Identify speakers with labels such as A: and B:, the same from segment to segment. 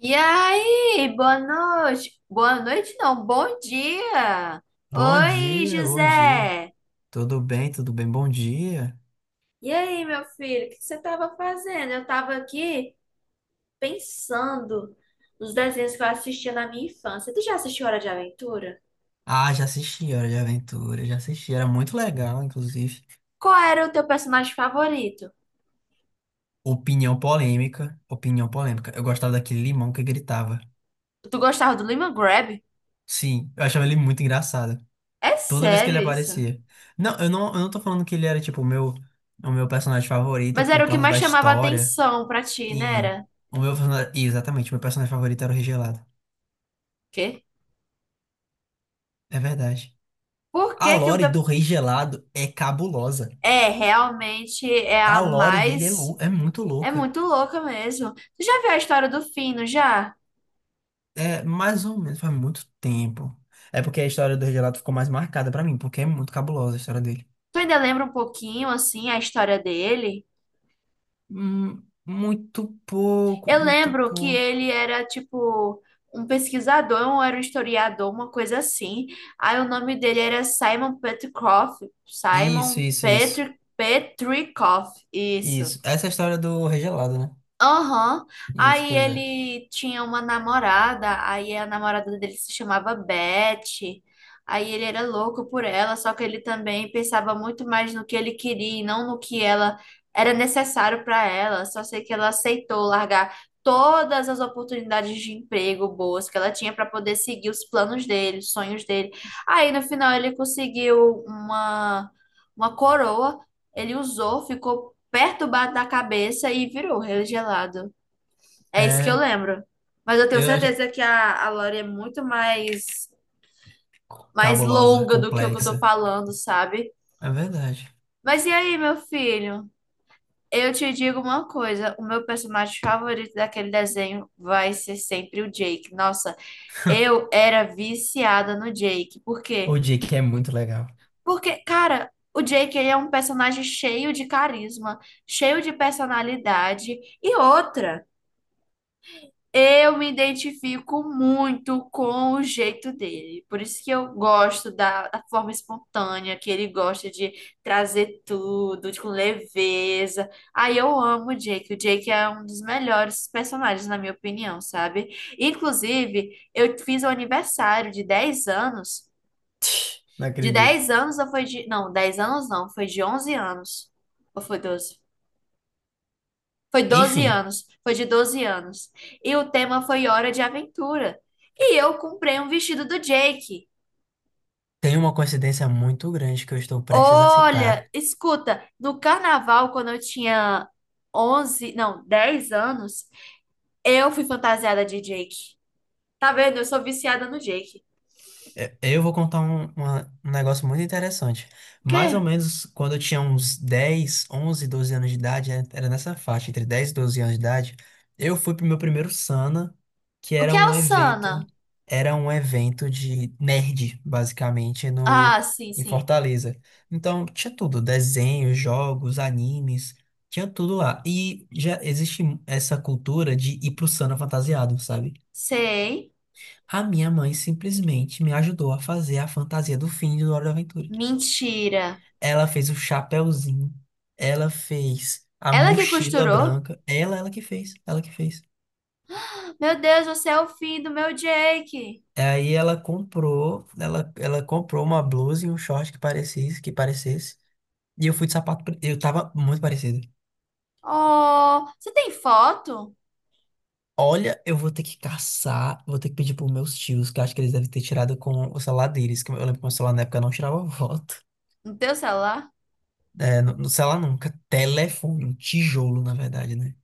A: E aí, boa noite. Boa noite, não, bom dia.
B: Bom
A: Oi,
B: dia, bom dia.
A: José.
B: Tudo bem, bom dia.
A: E aí, meu filho, o que que você estava fazendo? Eu estava aqui pensando nos desenhos que eu assistia na minha infância. Tu já assistiu Hora de Aventura?
B: Ah, já assisti Hora de Aventura, já assisti. Era muito legal, inclusive.
A: Qual era o teu personagem favorito?
B: Opinião polêmica, opinião polêmica. Eu gostava daquele limão que gritava.
A: Tu gostava do Lima Grab?
B: Sim, eu achava ele muito engraçado.
A: É
B: Toda vez que
A: sério
B: ele
A: isso?
B: aparecia. Não, eu não tô falando que ele era, tipo, o meu personagem favorito
A: Mas
B: por
A: era o que
B: causa
A: mais
B: da
A: chamava
B: história.
A: atenção pra ti, né?
B: Sim,
A: Era?
B: o meu personagem... Exatamente, o meu personagem favorito era o Rei Gelado.
A: Quê?
B: É verdade.
A: Por que
B: A
A: que o
B: lore
A: teu...
B: do Rei Gelado é cabulosa.
A: É, realmente é
B: A
A: a
B: lore dele é,
A: mais
B: é muito
A: É
B: louca.
A: muito louca mesmo. Tu já viu a história do Fino, já?
B: É mais ou menos faz muito tempo. É porque a história do Regelato ficou mais marcada pra mim, porque é muito cabulosa a história dele.
A: Tu ainda lembra um pouquinho, assim, a história dele?
B: Muito pouco,
A: Eu
B: muito
A: lembro que
B: pouco.
A: ele era, tipo, um pesquisador, ou era um historiador, uma coisa assim. Aí o nome dele era Simon Petrikov.
B: Isso,
A: Simon
B: isso, isso.
A: Petri Petrikov, isso.
B: Isso. Essa é a história do Regelado, né?
A: Aham.
B: Isso,
A: Aí
B: pois é.
A: ele tinha uma namorada, aí a namorada dele se chamava Beth. Aí ele era louco por ela, só que ele também pensava muito mais no que ele queria e não no que ela era necessário para ela. Só sei que ela aceitou largar todas as oportunidades de emprego boas que ela tinha para poder seguir os planos dele, os sonhos dele. Aí no final ele conseguiu uma coroa, ele usou, ficou perturbado na cabeça e virou regelado. É isso que eu
B: É,
A: lembro. Mas eu tenho
B: eu acho
A: certeza que a Lore é muito mais, mais
B: cabulosa,
A: longa do que o que eu tô
B: complexa.
A: falando, sabe?
B: É verdade.
A: Mas e aí, meu filho? Eu te digo uma coisa, o meu personagem favorito daquele desenho vai ser sempre o Jake. Nossa, eu era viciada no Jake. Por quê?
B: O Jake é muito legal.
A: Porque, cara, o Jake ele é um personagem cheio de carisma, cheio de personalidade e outra. Eu me identifico muito com o jeito dele. Por isso que eu gosto da forma espontânea, que ele gosta de trazer com leveza. Aí eu amo o Jake. O Jake é um dos melhores personagens, na minha opinião, sabe? Inclusive, eu fiz o aniversário de 10 anos.
B: Não
A: De
B: acredito.
A: 10 anos ou foi de. Não, 10 anos não, foi de 11 anos. Ou foi 12? Foi 12
B: Enfim,
A: anos, foi de 12 anos. E o tema foi Hora de Aventura. E eu comprei um vestido do Jake.
B: tem uma coincidência muito grande que eu estou prestes a
A: Olha,
B: citar.
A: escuta, no carnaval, quando eu tinha 11 não, 10 anos, eu fui fantasiada de Jake. Tá vendo? Eu sou viciada no Jake.
B: É, eu vou contar um negócio muito interessante.
A: O
B: Mais ou
A: quê?
B: menos quando eu tinha uns 10 11 12 anos de idade, né, era nessa faixa, entre 10 e 12 anos de idade, eu fui pro meu primeiro Sana, que
A: O que é o Sana?
B: era um evento de nerd, basicamente, no,
A: Ah, sim,
B: em
A: sim.
B: Fortaleza. Então, tinha tudo, desenhos, jogos, animes, tinha tudo lá. E já existe essa cultura de ir pro Sana fantasiado, sabe?
A: Sei.
B: A minha mãe simplesmente me ajudou a fazer a fantasia do fim de Hora da Aventura.
A: Mentira.
B: Ela fez o chapéuzinho, ela fez a
A: Ela que
B: mochila
A: costurou?
B: branca, ela que fez, ela que fez.
A: Meu Deus, você é o fim do meu Jake.
B: Aí ela comprou, ela comprou uma blusa e um short que parecesse, que parecesse. E eu fui de sapato, eu tava muito parecido.
A: Oh, você tem foto?
B: Olha, eu vou ter que caçar, vou ter que pedir pros meus tios, que eu acho que eles devem ter tirado com o celular deles, que eu lembro que o meu celular na época não tirava foto.
A: No teu celular?
B: É, no celular nunca. Telefone, um tijolo, na verdade, né?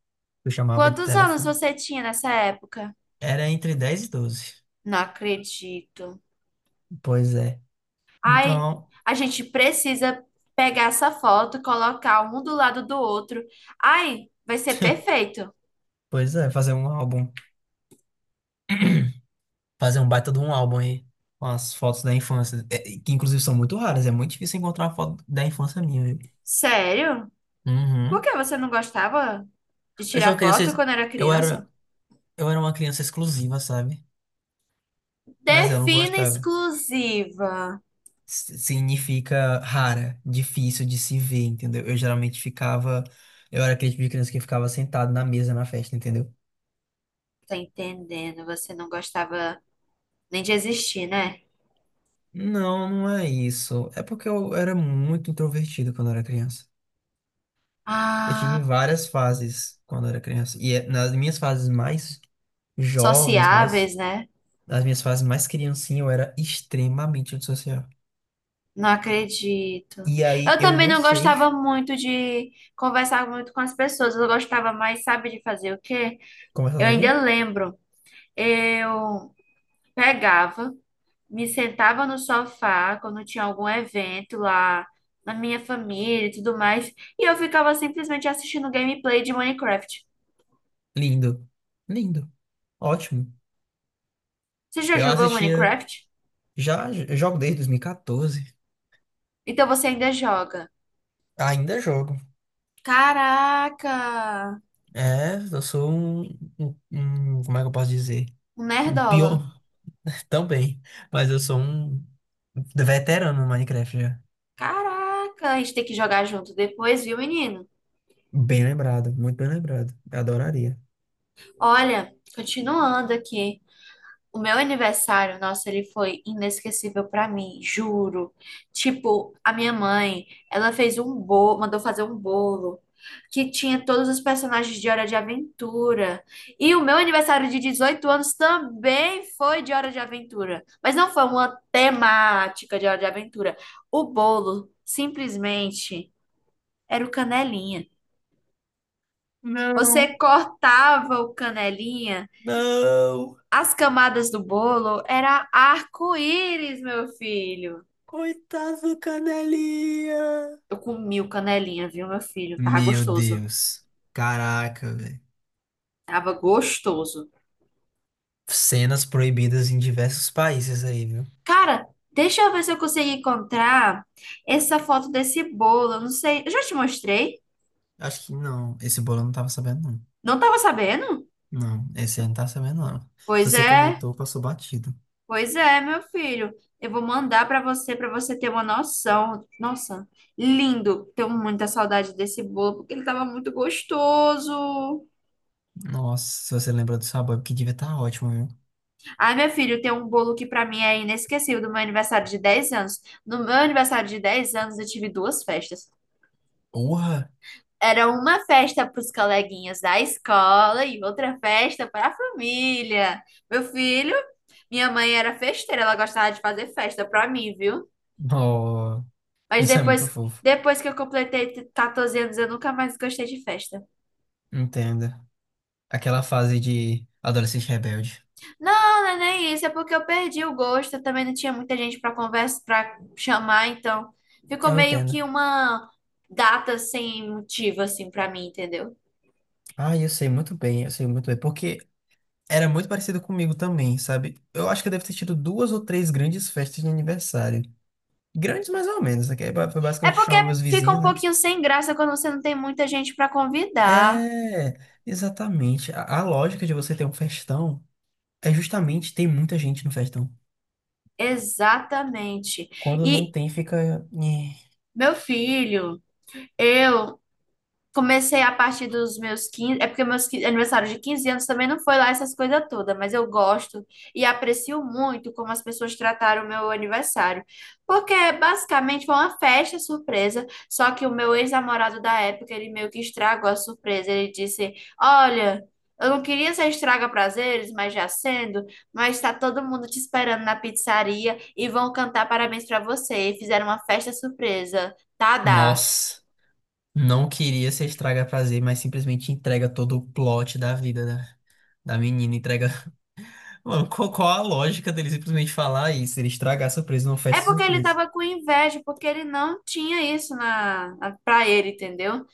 B: Eu chamava de
A: Quantos anos
B: telefone.
A: você tinha nessa época?
B: Era entre 10 e doze.
A: Não acredito.
B: Pois é.
A: Ai,
B: Então,
A: a gente precisa pegar essa foto, colocar um do lado do outro. Ai, vai ser perfeito.
B: pois é, fazer um álbum. Fazer um baita de um álbum aí. Com as fotos da infância. É, que inclusive são muito raras. É muito difícil encontrar uma foto da infância minha, viu?
A: Sério? Por
B: Uhum.
A: que você não gostava de
B: Eu sou uma
A: tirar foto
B: criança.
A: quando era
B: Eu
A: criança?
B: era, eu era uma criança exclusiva, sabe? Mas eu não
A: Defina
B: gostava.
A: exclusiva.
B: Significa rara, difícil de se ver, entendeu? Eu geralmente ficava, eu era aquele tipo de criança que ficava sentado na mesa na festa, entendeu?
A: Tá entendendo? Você não gostava nem de existir, né?
B: Não, não é isso. É porque eu era muito introvertido quando eu era criança. Eu tive
A: Ah,
B: várias fases quando eu era criança. E nas minhas fases mais jovens, mais,
A: sociáveis, né?
B: nas minhas fases mais criancinha, eu era extremamente antissocial.
A: Não acredito.
B: E aí
A: Eu
B: eu
A: também
B: não
A: não
B: sei.
A: gostava muito de conversar muito com as pessoas. Eu gostava mais, sabe, de fazer o quê?
B: Conversar
A: Eu ainda
B: sozinho?
A: lembro. Eu pegava, me sentava no sofá quando tinha algum evento lá na minha família e tudo mais, e eu ficava simplesmente assistindo gameplay de Minecraft.
B: Lindo. Lindo. Ótimo.
A: Você já
B: Eu
A: jogou
B: assistia.
A: Minecraft?
B: Já jogo desde 2014.
A: Então você ainda joga.
B: Ainda jogo.
A: Caraca!
B: É, eu sou um, como é que eu posso dizer?
A: Um
B: Um
A: nerdola.
B: pior também. Mas eu sou um veterano no Minecraft já.
A: Caraca, a gente tem que jogar junto depois, viu, menino?
B: Bem lembrado, muito bem lembrado. Eu adoraria.
A: Olha, continuando aqui, o meu aniversário, nossa, ele foi inesquecível pra mim, juro. Tipo, a minha mãe, ela fez um bolo, mandou fazer um bolo que tinha todos os personagens de Hora de Aventura. E o meu aniversário de 18 anos também foi de Hora de Aventura, mas não foi uma temática de Hora de Aventura. O bolo simplesmente era o canelinha.
B: Não,
A: Você cortava o canelinha.
B: não!
A: As camadas do bolo era arco-íris, meu filho.
B: Coitado do Canelinha!
A: Eu comi o canelinha, viu, meu filho? Tava
B: Meu
A: gostoso.
B: Deus. Caraca, velho.
A: Tava gostoso.
B: Cenas proibidas em diversos países aí, viu?
A: Cara, deixa eu ver se eu consigo encontrar essa foto desse bolo. Eu não sei. Eu já te mostrei?
B: Acho que não. Esse bolo eu não tava sabendo, não.
A: Não tava sabendo?
B: Não, esse eu não tá sabendo, não. Se
A: Pois
B: você
A: é,
B: comentou, passou batido.
A: pois é, meu filho. Eu vou mandar pra você ter uma noção. Nossa, lindo. Tenho muita saudade desse bolo, porque ele tava muito gostoso.
B: Nossa, se você lembra do sabor, que devia estar ótimo, viu?
A: Ai, meu filho, tem um bolo que pra mim é inesquecível do meu aniversário de 10 anos. No meu aniversário de 10 anos, eu tive duas festas.
B: Porra!
A: Era uma festa para os coleguinhas da escola e outra festa para a família. Meu filho, minha mãe era festeira, ela gostava de fazer festa pra mim, viu?
B: Oh,
A: Mas
B: isso é muito
A: depois,
B: fofo.
A: depois que eu completei 14 anos, eu nunca mais gostei de festa.
B: Entendo. Aquela fase de adolescente rebelde.
A: Não, não é nem isso, é porque eu perdi o gosto, eu também não tinha muita gente para conversa, para chamar, então ficou
B: Eu
A: meio que
B: entendo.
A: uma data sem motivo assim para mim, entendeu?
B: Ah, eu sei muito bem, eu sei muito bem. Porque era muito parecido comigo também, sabe? Eu acho que eu devo ter tido duas ou três grandes festas de aniversário. Grandes mais ou menos, né? Que aí foi
A: É
B: basicamente
A: porque
B: chamar meus
A: fica um
B: vizinhos, né?
A: pouquinho sem graça quando você não tem muita gente para convidar.
B: É, exatamente. A lógica de você ter um festão. É justamente tem muita gente no festão.
A: Exatamente.
B: Quando não
A: E
B: tem, fica. Nhé.
A: meu filho, eu Comecei a partir dos meus 15, é porque meus 15 aniversário de 15 anos também não foi lá essas coisas todas, mas eu gosto e aprecio muito como as pessoas trataram o meu aniversário. Porque basicamente foi uma festa surpresa, só que o meu ex-namorado da época, ele meio que estragou a surpresa. Ele disse: "Olha, eu não queria ser estraga prazeres, mas já sendo, mas tá todo mundo te esperando na pizzaria e vão cantar parabéns pra você. E fizeram uma festa surpresa. Tá, dá.
B: Nossa, não queria ser estraga prazer, mas simplesmente entrega todo o plot da vida da menina. Entrega. Mano, qual a lógica dele simplesmente falar isso? Ele estragar a surpresa numa
A: É
B: festa
A: porque ele
B: surpresa.
A: tava com inveja, porque ele não tinha isso na pra ele, entendeu?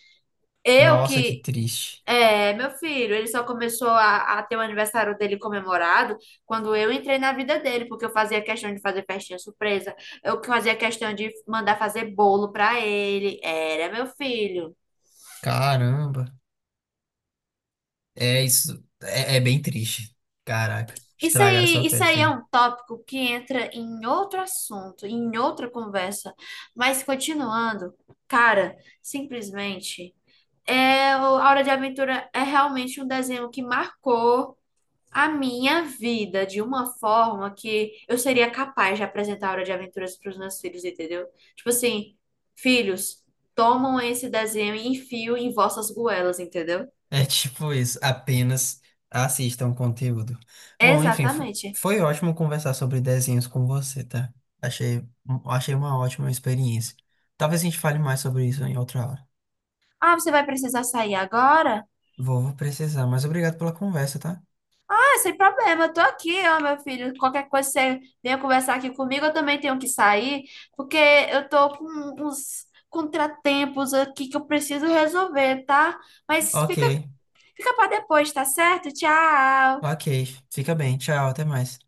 A: Eu
B: Nossa, que
A: que.
B: triste.
A: É, meu filho, ele só começou a ter o aniversário dele comemorado quando eu entrei na vida dele, porque eu fazia questão de fazer festinha surpresa, eu que fazia questão de mandar fazer bolo pra ele. Era meu filho.
B: Caramba. É isso. É, é bem triste. Caraca. Estragaram sua
A: Isso
B: festa
A: aí é
B: aí.
A: um tópico que entra em outro assunto, em outra conversa. Mas continuando, cara, simplesmente. É, o A Hora de Aventura é realmente um desenho que marcou a minha vida de uma forma que eu seria capaz de apresentar a Hora de Aventuras para os meus filhos, entendeu? Tipo assim, filhos, tomam esse desenho e enfio em vossas goelas, entendeu?
B: É tipo isso, apenas assistam o conteúdo. Bom, enfim,
A: Exatamente.
B: foi ótimo conversar sobre desenhos com você, tá? Achei, achei uma ótima experiência. Talvez a gente fale mais sobre isso em outra hora.
A: Ah, você vai precisar sair agora?
B: Vou, vou precisar, mas obrigado pela conversa, tá?
A: É, sem problema, eu tô aqui, ó, meu filho. Qualquer coisa você venha conversar aqui comigo, eu também tenho que sair, porque eu tô com uns contratempos aqui que eu preciso resolver, tá? Mas
B: Ok,
A: fica, fica para depois, tá certo? Tchau!
B: ok. Fica bem. Tchau, até mais.